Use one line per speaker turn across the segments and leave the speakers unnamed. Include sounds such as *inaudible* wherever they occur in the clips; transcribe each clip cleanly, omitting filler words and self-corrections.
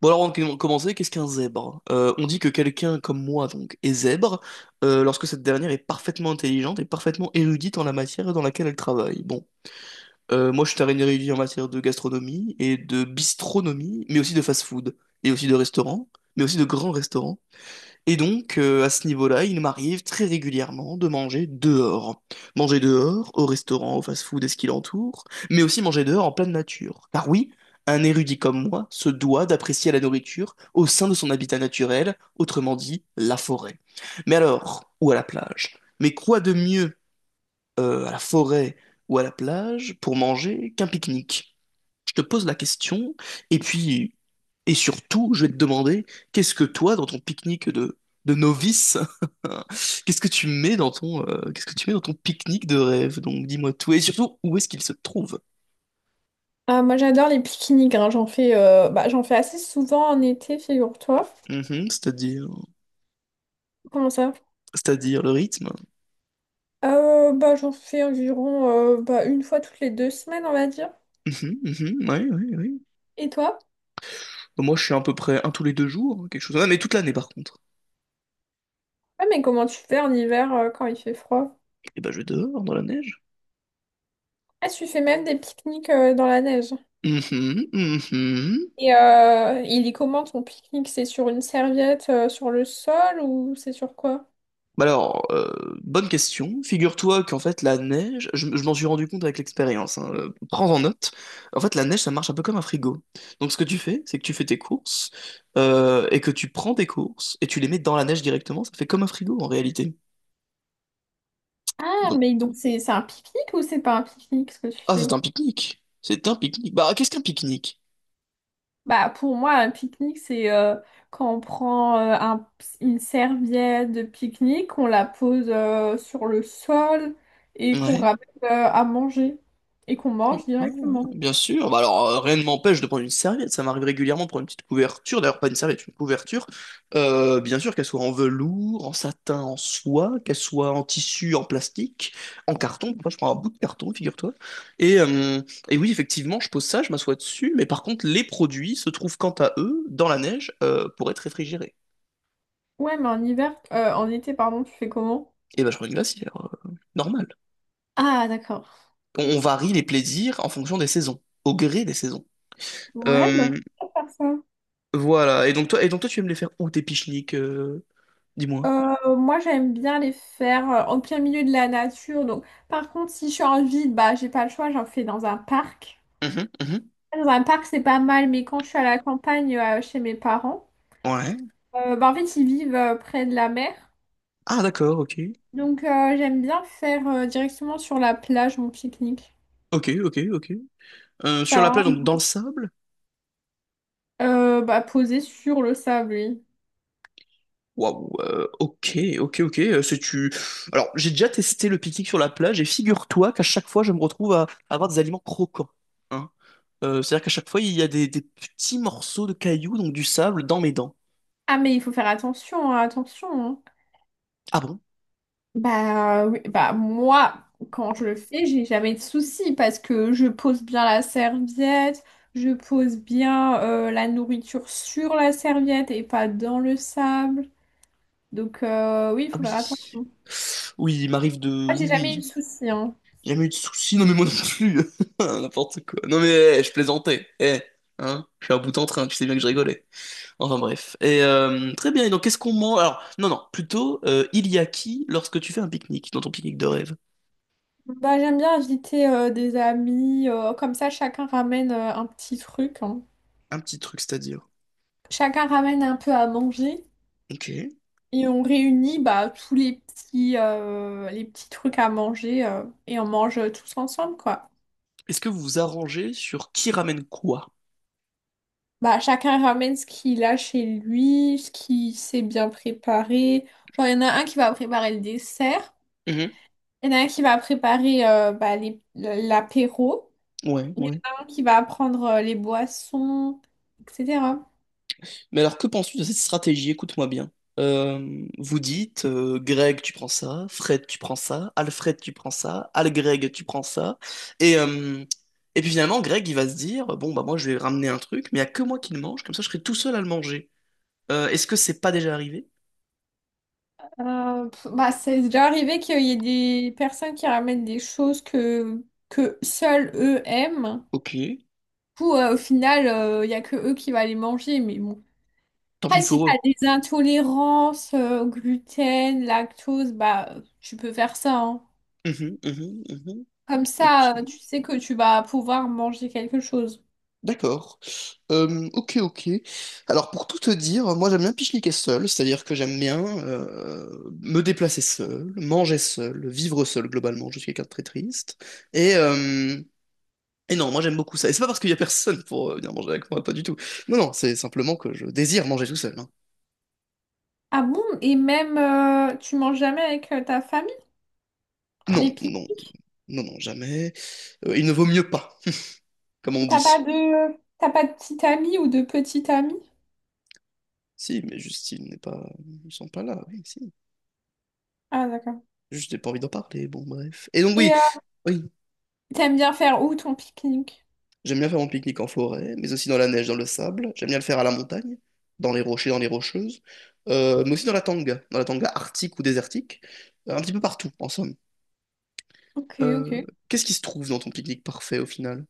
Bon alors on de commencer, qu'est-ce qu'un zèbre? On dit que quelqu'un comme moi donc est zèbre lorsque cette dernière est parfaitement intelligente et parfaitement érudite en la matière dans laquelle elle travaille. Moi je suis un érudit en matière de gastronomie et de bistronomie, mais aussi de fast-food, et aussi de restaurant, mais aussi de grands restaurants. Et donc, à ce niveau-là, il m'arrive très régulièrement de manger dehors. Manger dehors, au restaurant, au fast-food et ce qui l'entoure, mais aussi manger dehors en pleine nature. Car oui, un érudit comme moi se doit d'apprécier la nourriture au sein de son habitat naturel, autrement dit, la forêt. Mais alors, ou à la plage? Mais quoi de mieux, à la forêt ou à la plage pour manger qu'un pique-nique? Je te pose la question, et puis, et surtout, je vais te demander, qu'est-ce que toi, dans ton pique-nique de novice, *laughs* qu'est-ce que tu mets dans qu'est-ce que tu mets dans ton pique-nique de rêve? Donc, dis-moi tout, et surtout, où est-ce qu'il se trouve?
Ah, moi j'adore les pique-niques, hein. J'en fais, j'en fais assez souvent en été, figure-toi.
Mhm, c'est-à-dire,
Comment ça?
c'est-à-dire le rythme.
J'en fais environ une fois toutes les deux semaines, on va dire.
Mhm, mhm, ouais, ouais, ouais.
Et toi?
Bah, moi, je suis à peu près un tous les deux jours, quelque chose. Ah, mais toute l'année, par contre.
Ah, mais comment tu fais en hiver quand il fait froid?
Et ben, je dors dans la neige.
Ah, tu fais même des pique-niques dans la neige.
Mhm, mhm.
Il est comment ton pique-nique? C'est sur une serviette sur le sol ou c'est sur quoi?
Bah alors, bonne question. Figure-toi qu'en fait, la neige, je m'en suis rendu compte avec l'expérience, hein, prends en note. En fait, la neige, ça marche un peu comme un frigo. Donc, ce que tu fais, c'est que tu fais tes courses et que tu prends tes courses et tu les mets dans la neige directement. Ça fait comme un frigo en réalité.
Ah,
Donc,
mais donc c'est un pique-nique ou c'est pas un pique-nique ce que tu
c'est
fais?
un pique-nique. C'est un pique-nique. Bah, qu'est-ce qu'un pique-nique?
Bah, pour moi, un pique-nique, c'est quand on prend une serviette de pique-nique, on la pose sur le sol et qu'on
Ouais.
ramène à manger et qu'on mange
Quand ouais,
directement.
ouais, bien sûr. Bah alors, rien ne m'empêche de prendre une serviette. Ça m'arrive régulièrement de prendre une petite couverture. D'ailleurs, pas une serviette, une couverture. Bien sûr, qu'elle soit en velours, en satin, en soie, qu'elle soit en tissu, en plastique, en carton. Moi, je prends un bout de carton, figure-toi. Et, euh, et oui, effectivement, je pose ça, je m'assois dessus. Mais par contre, les produits se trouvent quant à eux dans la neige pour être réfrigérés.
Ouais, mais en hiver, en été, pardon, tu fais comment?
Et ben, je prends une glacière. euh, Normal.
Ah, d'accord.
On varie les plaisirs en fonction des saisons, au gré des saisons.
Ouais, bah,
Euh,
je vais faire ça.
Voilà. Et donc toi, tu aimes les faire où tes pique-niques, dis-moi.
Moi, j'aime bien les faire en plein milieu de la nature. Donc, par contre, si je suis en ville, bah, j'ai pas le choix, j'en fais dans un parc.
Mhm, mhm.
Dans un parc, c'est pas mal, mais quand je suis à la campagne chez mes parents,
Ouais.
En fait, ils vivent près de la mer.
Ah d'accord, ok.
Donc, j'aime bien faire directement sur la plage mon pique-nique.
Ok, ok, ok. Sur
Ça va
la plage,
vraiment
donc dans le sable?
poser sur le sable, oui.
Waouh, ok, ok, ok. C'est tu. Alors, j'ai déjà testé le pique-nique sur la plage et figure-toi qu'à chaque fois, je me retrouve à avoir des aliments croquants. Hein. C'est-à-dire qu'à chaque fois, il y a des petits morceaux de cailloux, donc du sable, dans mes dents.
Ah, mais il faut faire attention, hein, attention, hein.
Ah bon?
Bah, oui, bah, moi, quand je le fais, j'ai jamais de soucis parce que je pose bien la serviette, je pose bien la nourriture sur la serviette et pas dans le sable. Donc, oui, il
Ah
faut faire
oui.
attention.
Oui, il m'arrive de.
Moi, j'ai
Oui,
jamais eu de
oui.
soucis, hein.
Jamais eu de soucis, non mais moi non plus. *laughs* N'importe quoi. Non mais eh, je plaisantais. Eh, hein, je suis à bout en train, tu sais bien que je rigolais. Enfin bref. Très bien, et donc qu'est-ce qu'on mange? Alors, non, non, plutôt, Il y a qui lorsque tu fais un pique-nique, dans ton pique-nique de rêve?
Bah, j'aime bien inviter des amis, comme ça chacun ramène un petit truc, hein.
Un petit truc, c'est-à-dire.
Chacun ramène un peu à manger
Ok. Est-ce
et on réunit bah, tous les petits trucs à manger et on mange tous ensemble quoi.
que vous vous arrangez sur qui ramène quoi?
Bah, chacun ramène ce qu'il a chez lui, ce qu'il sait bien préparer. Genre, il y en a un qui va préparer le dessert,
Mhm.
il y en a un qui va préparer l'apéro,
Ouais,
il y
ouais.
en a un qui va prendre les boissons, etc.
Mais alors, que penses-tu de cette stratégie? Écoute-moi bien. Vous dites, Greg, tu prends ça, Fred, tu prends ça, Alfred, tu prends ça, Al-Greg, tu prends ça. Et, euh, et puis finalement, Greg, il va se dire, bon, bah moi, je vais ramener un truc, mais il n'y a que moi qui le mange, comme ça, je serai tout seul à le manger. Est-ce que c'est pas déjà arrivé?
C'est déjà arrivé qu'il y ait des personnes qui ramènent des choses que seuls eux aiment.
Ok,
Du coup, au final, il n'y a que eux qui vont les manger. Mais bon.
tant
Après,
pis
si tu
pour eux.
as des intolérances au gluten, lactose, bah, tu peux faire ça, hein.
Mhm, mhm, mhm.
Comme
Ok.
ça, tu sais que tu vas pouvoir manger quelque chose.
D'accord. Ok, ok. Alors pour tout te dire, moi j'aime bien pique-niquer seul, c'est-à-dire que j'aime bien me déplacer seul, manger seul, vivre seul globalement. Je suis quelqu'un de très triste. Et, euh, et non, moi j'aime beaucoup ça. Et c'est pas parce qu'il y a personne pour venir manger avec moi, pas du tout. Non, non, c'est simplement que je désire manger tout seul. Hein.
Ah bon? Et même, tu manges jamais avec ta famille?
Non,
Les piques.
non, non, non, jamais. Il ne vaut mieux pas, comme on dit.
T'as pas de petite amie ou de petite amie?
Si, mais juste ils n'est pas, ils sont pas là. Oui, si.
Ah, d'accord.
Juste j'ai pas envie d'en parler. Bon, bref. Et donc oui.
Et
Oui,
t'aimes bien faire où ton pique-nique?
j'aime bien faire mon pique-nique en forêt, mais aussi dans la neige, dans le sable. J'aime bien le faire à la montagne, dans les rochers, dans les rocheuses. Mais aussi dans la tanga arctique ou désertique. Un petit peu partout, en somme.
Ok,
Euh,
ok.
Qu'est-ce qui se trouve dans ton pique-nique parfait au final?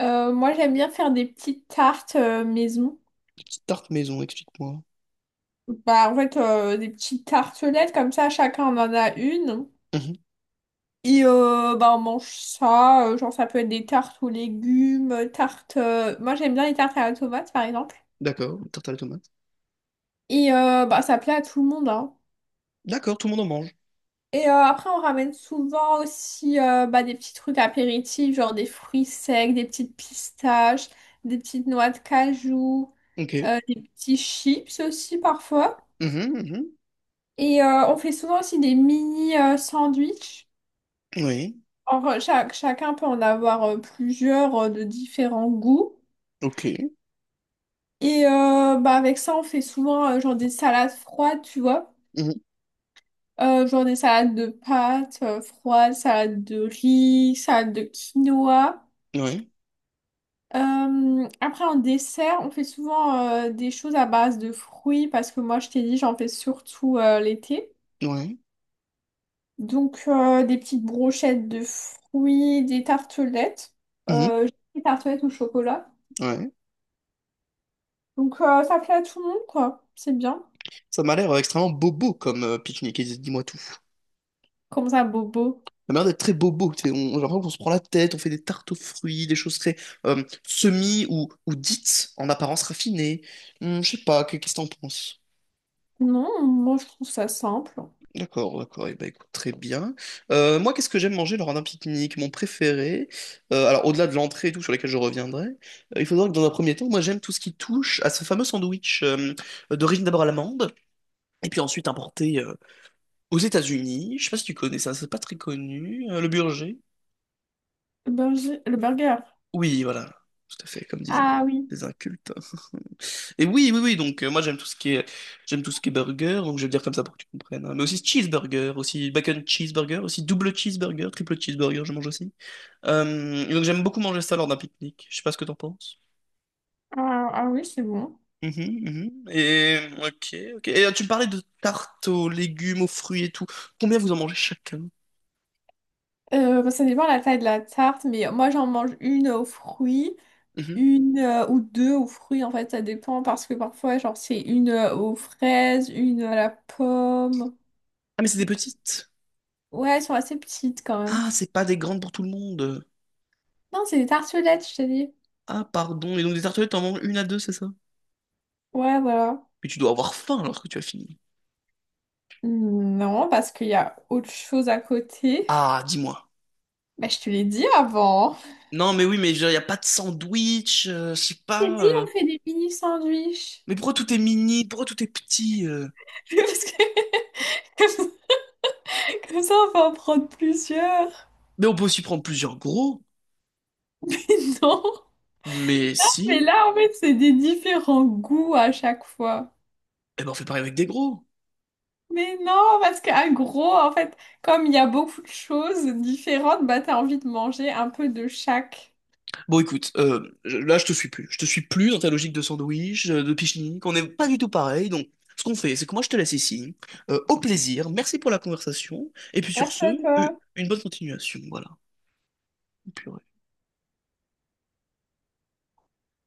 Moi, j'aime bien faire des petites tartes maison.
Des petites tartes maison, explique-moi.
Bah, en fait, des petites tartelettes, comme ça, chacun en a une.
Mhm.
Et bah, on mange ça. Genre, ça peut être des tartes aux légumes, tartes. Moi, j'aime bien les tartes à la tomate, par exemple.
D'accord, une tarte à la tomate.
Et bah, ça plaît à tout le monde, hein.
D'accord, tout le monde en mange.
Et après, on ramène souvent aussi des petits trucs apéritifs, genre des fruits secs, des petites pistaches, des petites noix de cajou,
Ok.
des petits chips aussi parfois.
Mhm, mhm.
Et on fait souvent aussi des mini sandwichs.
Oui.
Chacun peut en avoir plusieurs de différents goûts.
Ok.
Et avec ça, on fait souvent genre des salades froides, tu vois.
Mhm.
Genre des salades de pâtes froides, salades de riz, salades de quinoa.
Oui.
Après, en dessert, on fait souvent des choses à base de fruits parce que moi, je t'ai dit, j'en fais surtout l'été.
Oui.
Donc, des petites brochettes de fruits, des tartelettes.
Mhm.
Euh, des tartelettes au chocolat.
Ouais.
Donc, ça plaît à tout le monde, quoi. C'est bien.
Ça m'a l'air extrêmement bobo comme pique-nique, et dis-moi tout.
Comme ça, bobo.
Ça m'a l'air d'être très bobo. Tu sais, on, j'ai l'impression qu'on se prend la tête, on fait des tartes aux fruits, des choses très semi ou dites en apparence raffinées. Je sais pas, qu'est-ce que t'en penses?
Non, moi, je trouve ça simple.
D'accord, d'accord, et ben écoute, très bien. Moi, qu'est-ce que j'aime manger lors d'un pique-nique? Mon préféré, alors au-delà de l'entrée et tout, sur lesquelles je reviendrai, il faut savoir que dans un premier temps, moi j'aime tout ce qui touche à ce fameux sandwich d'origine d'abord à l'amande, et puis ensuite importé aux États-Unis. Je sais pas si tu connais ça, c'est pas très connu, le burger.
Le burger. Le burger.
Oui, voilà, tout à fait, comme disaient
Ah oui.
les incultes. *laughs* Et oui, oui, oui, donc moi j'aime tout ce qui est j'aime tout ce qui est burger, donc je vais le dire comme ça pour que tu comprennes. Hein. Mais aussi cheeseburger, aussi bacon cheeseburger, aussi double cheeseburger, triple cheeseburger, je mange aussi. Et donc j'aime beaucoup manger ça lors d'un pique-nique. Je sais pas ce que t'en penses.
Ah, ah oui, c'est bon.
Mhm, mhm. Et ok, ok. Tu me parlais de tartes aux légumes, aux fruits et tout. Combien vous en mangez chacun?
Bah, ça dépend de la taille de la tarte, mais moi, j'en mange une aux fruits.
Mhm.
Une ou deux aux fruits, en fait, ça dépend parce que parfois, genre, c'est une aux fraises, une à la pomme.
Ah mais c'est des petites.
Ouais, elles sont assez petites quand même.
Ah, c'est pas des grandes pour tout le monde.
Non, c'est des tartelettes, je t'ai dit.
Ah pardon. Et donc des tartelettes, t'en manges une à deux, c'est ça?
Ouais, voilà.
Mais tu dois avoir faim alors que tu as fini.
Non, parce qu'il y a autre chose à côté.
Ah, dis-moi.
Bah, je te l'ai dit avant.
Non, mais oui, mais il n'y a pas de sandwich, je sais
Je t'ai
pas.
dit, on fait des mini sandwichs.
Mais pourquoi tout est mini? Pourquoi tout est petit?
*laughs* Parce que *laughs* comme ça, on peut en prendre plusieurs.
Mais on peut aussi prendre plusieurs gros.
*laughs* Non.
Mais
Mais
si,
là, en fait, c'est des différents goûts à chaque fois.
eh ben on fait pareil avec des gros.
Mais non, parce qu'un gros, en fait, comme il y a beaucoup de choses différentes, bah t'as envie de manger un peu de chaque.
Bon, écoute, là, je te suis plus. Je te suis plus dans ta logique de sandwich, de pique-nique. On n'est pas du tout pareil. Donc, ce qu'on fait, c'est que moi, je te laisse ici. Au plaisir. Merci pour la conversation. Et puis, sur
Merci
ce,
à
euh,
toi.
une bonne continuation. Voilà. Purée.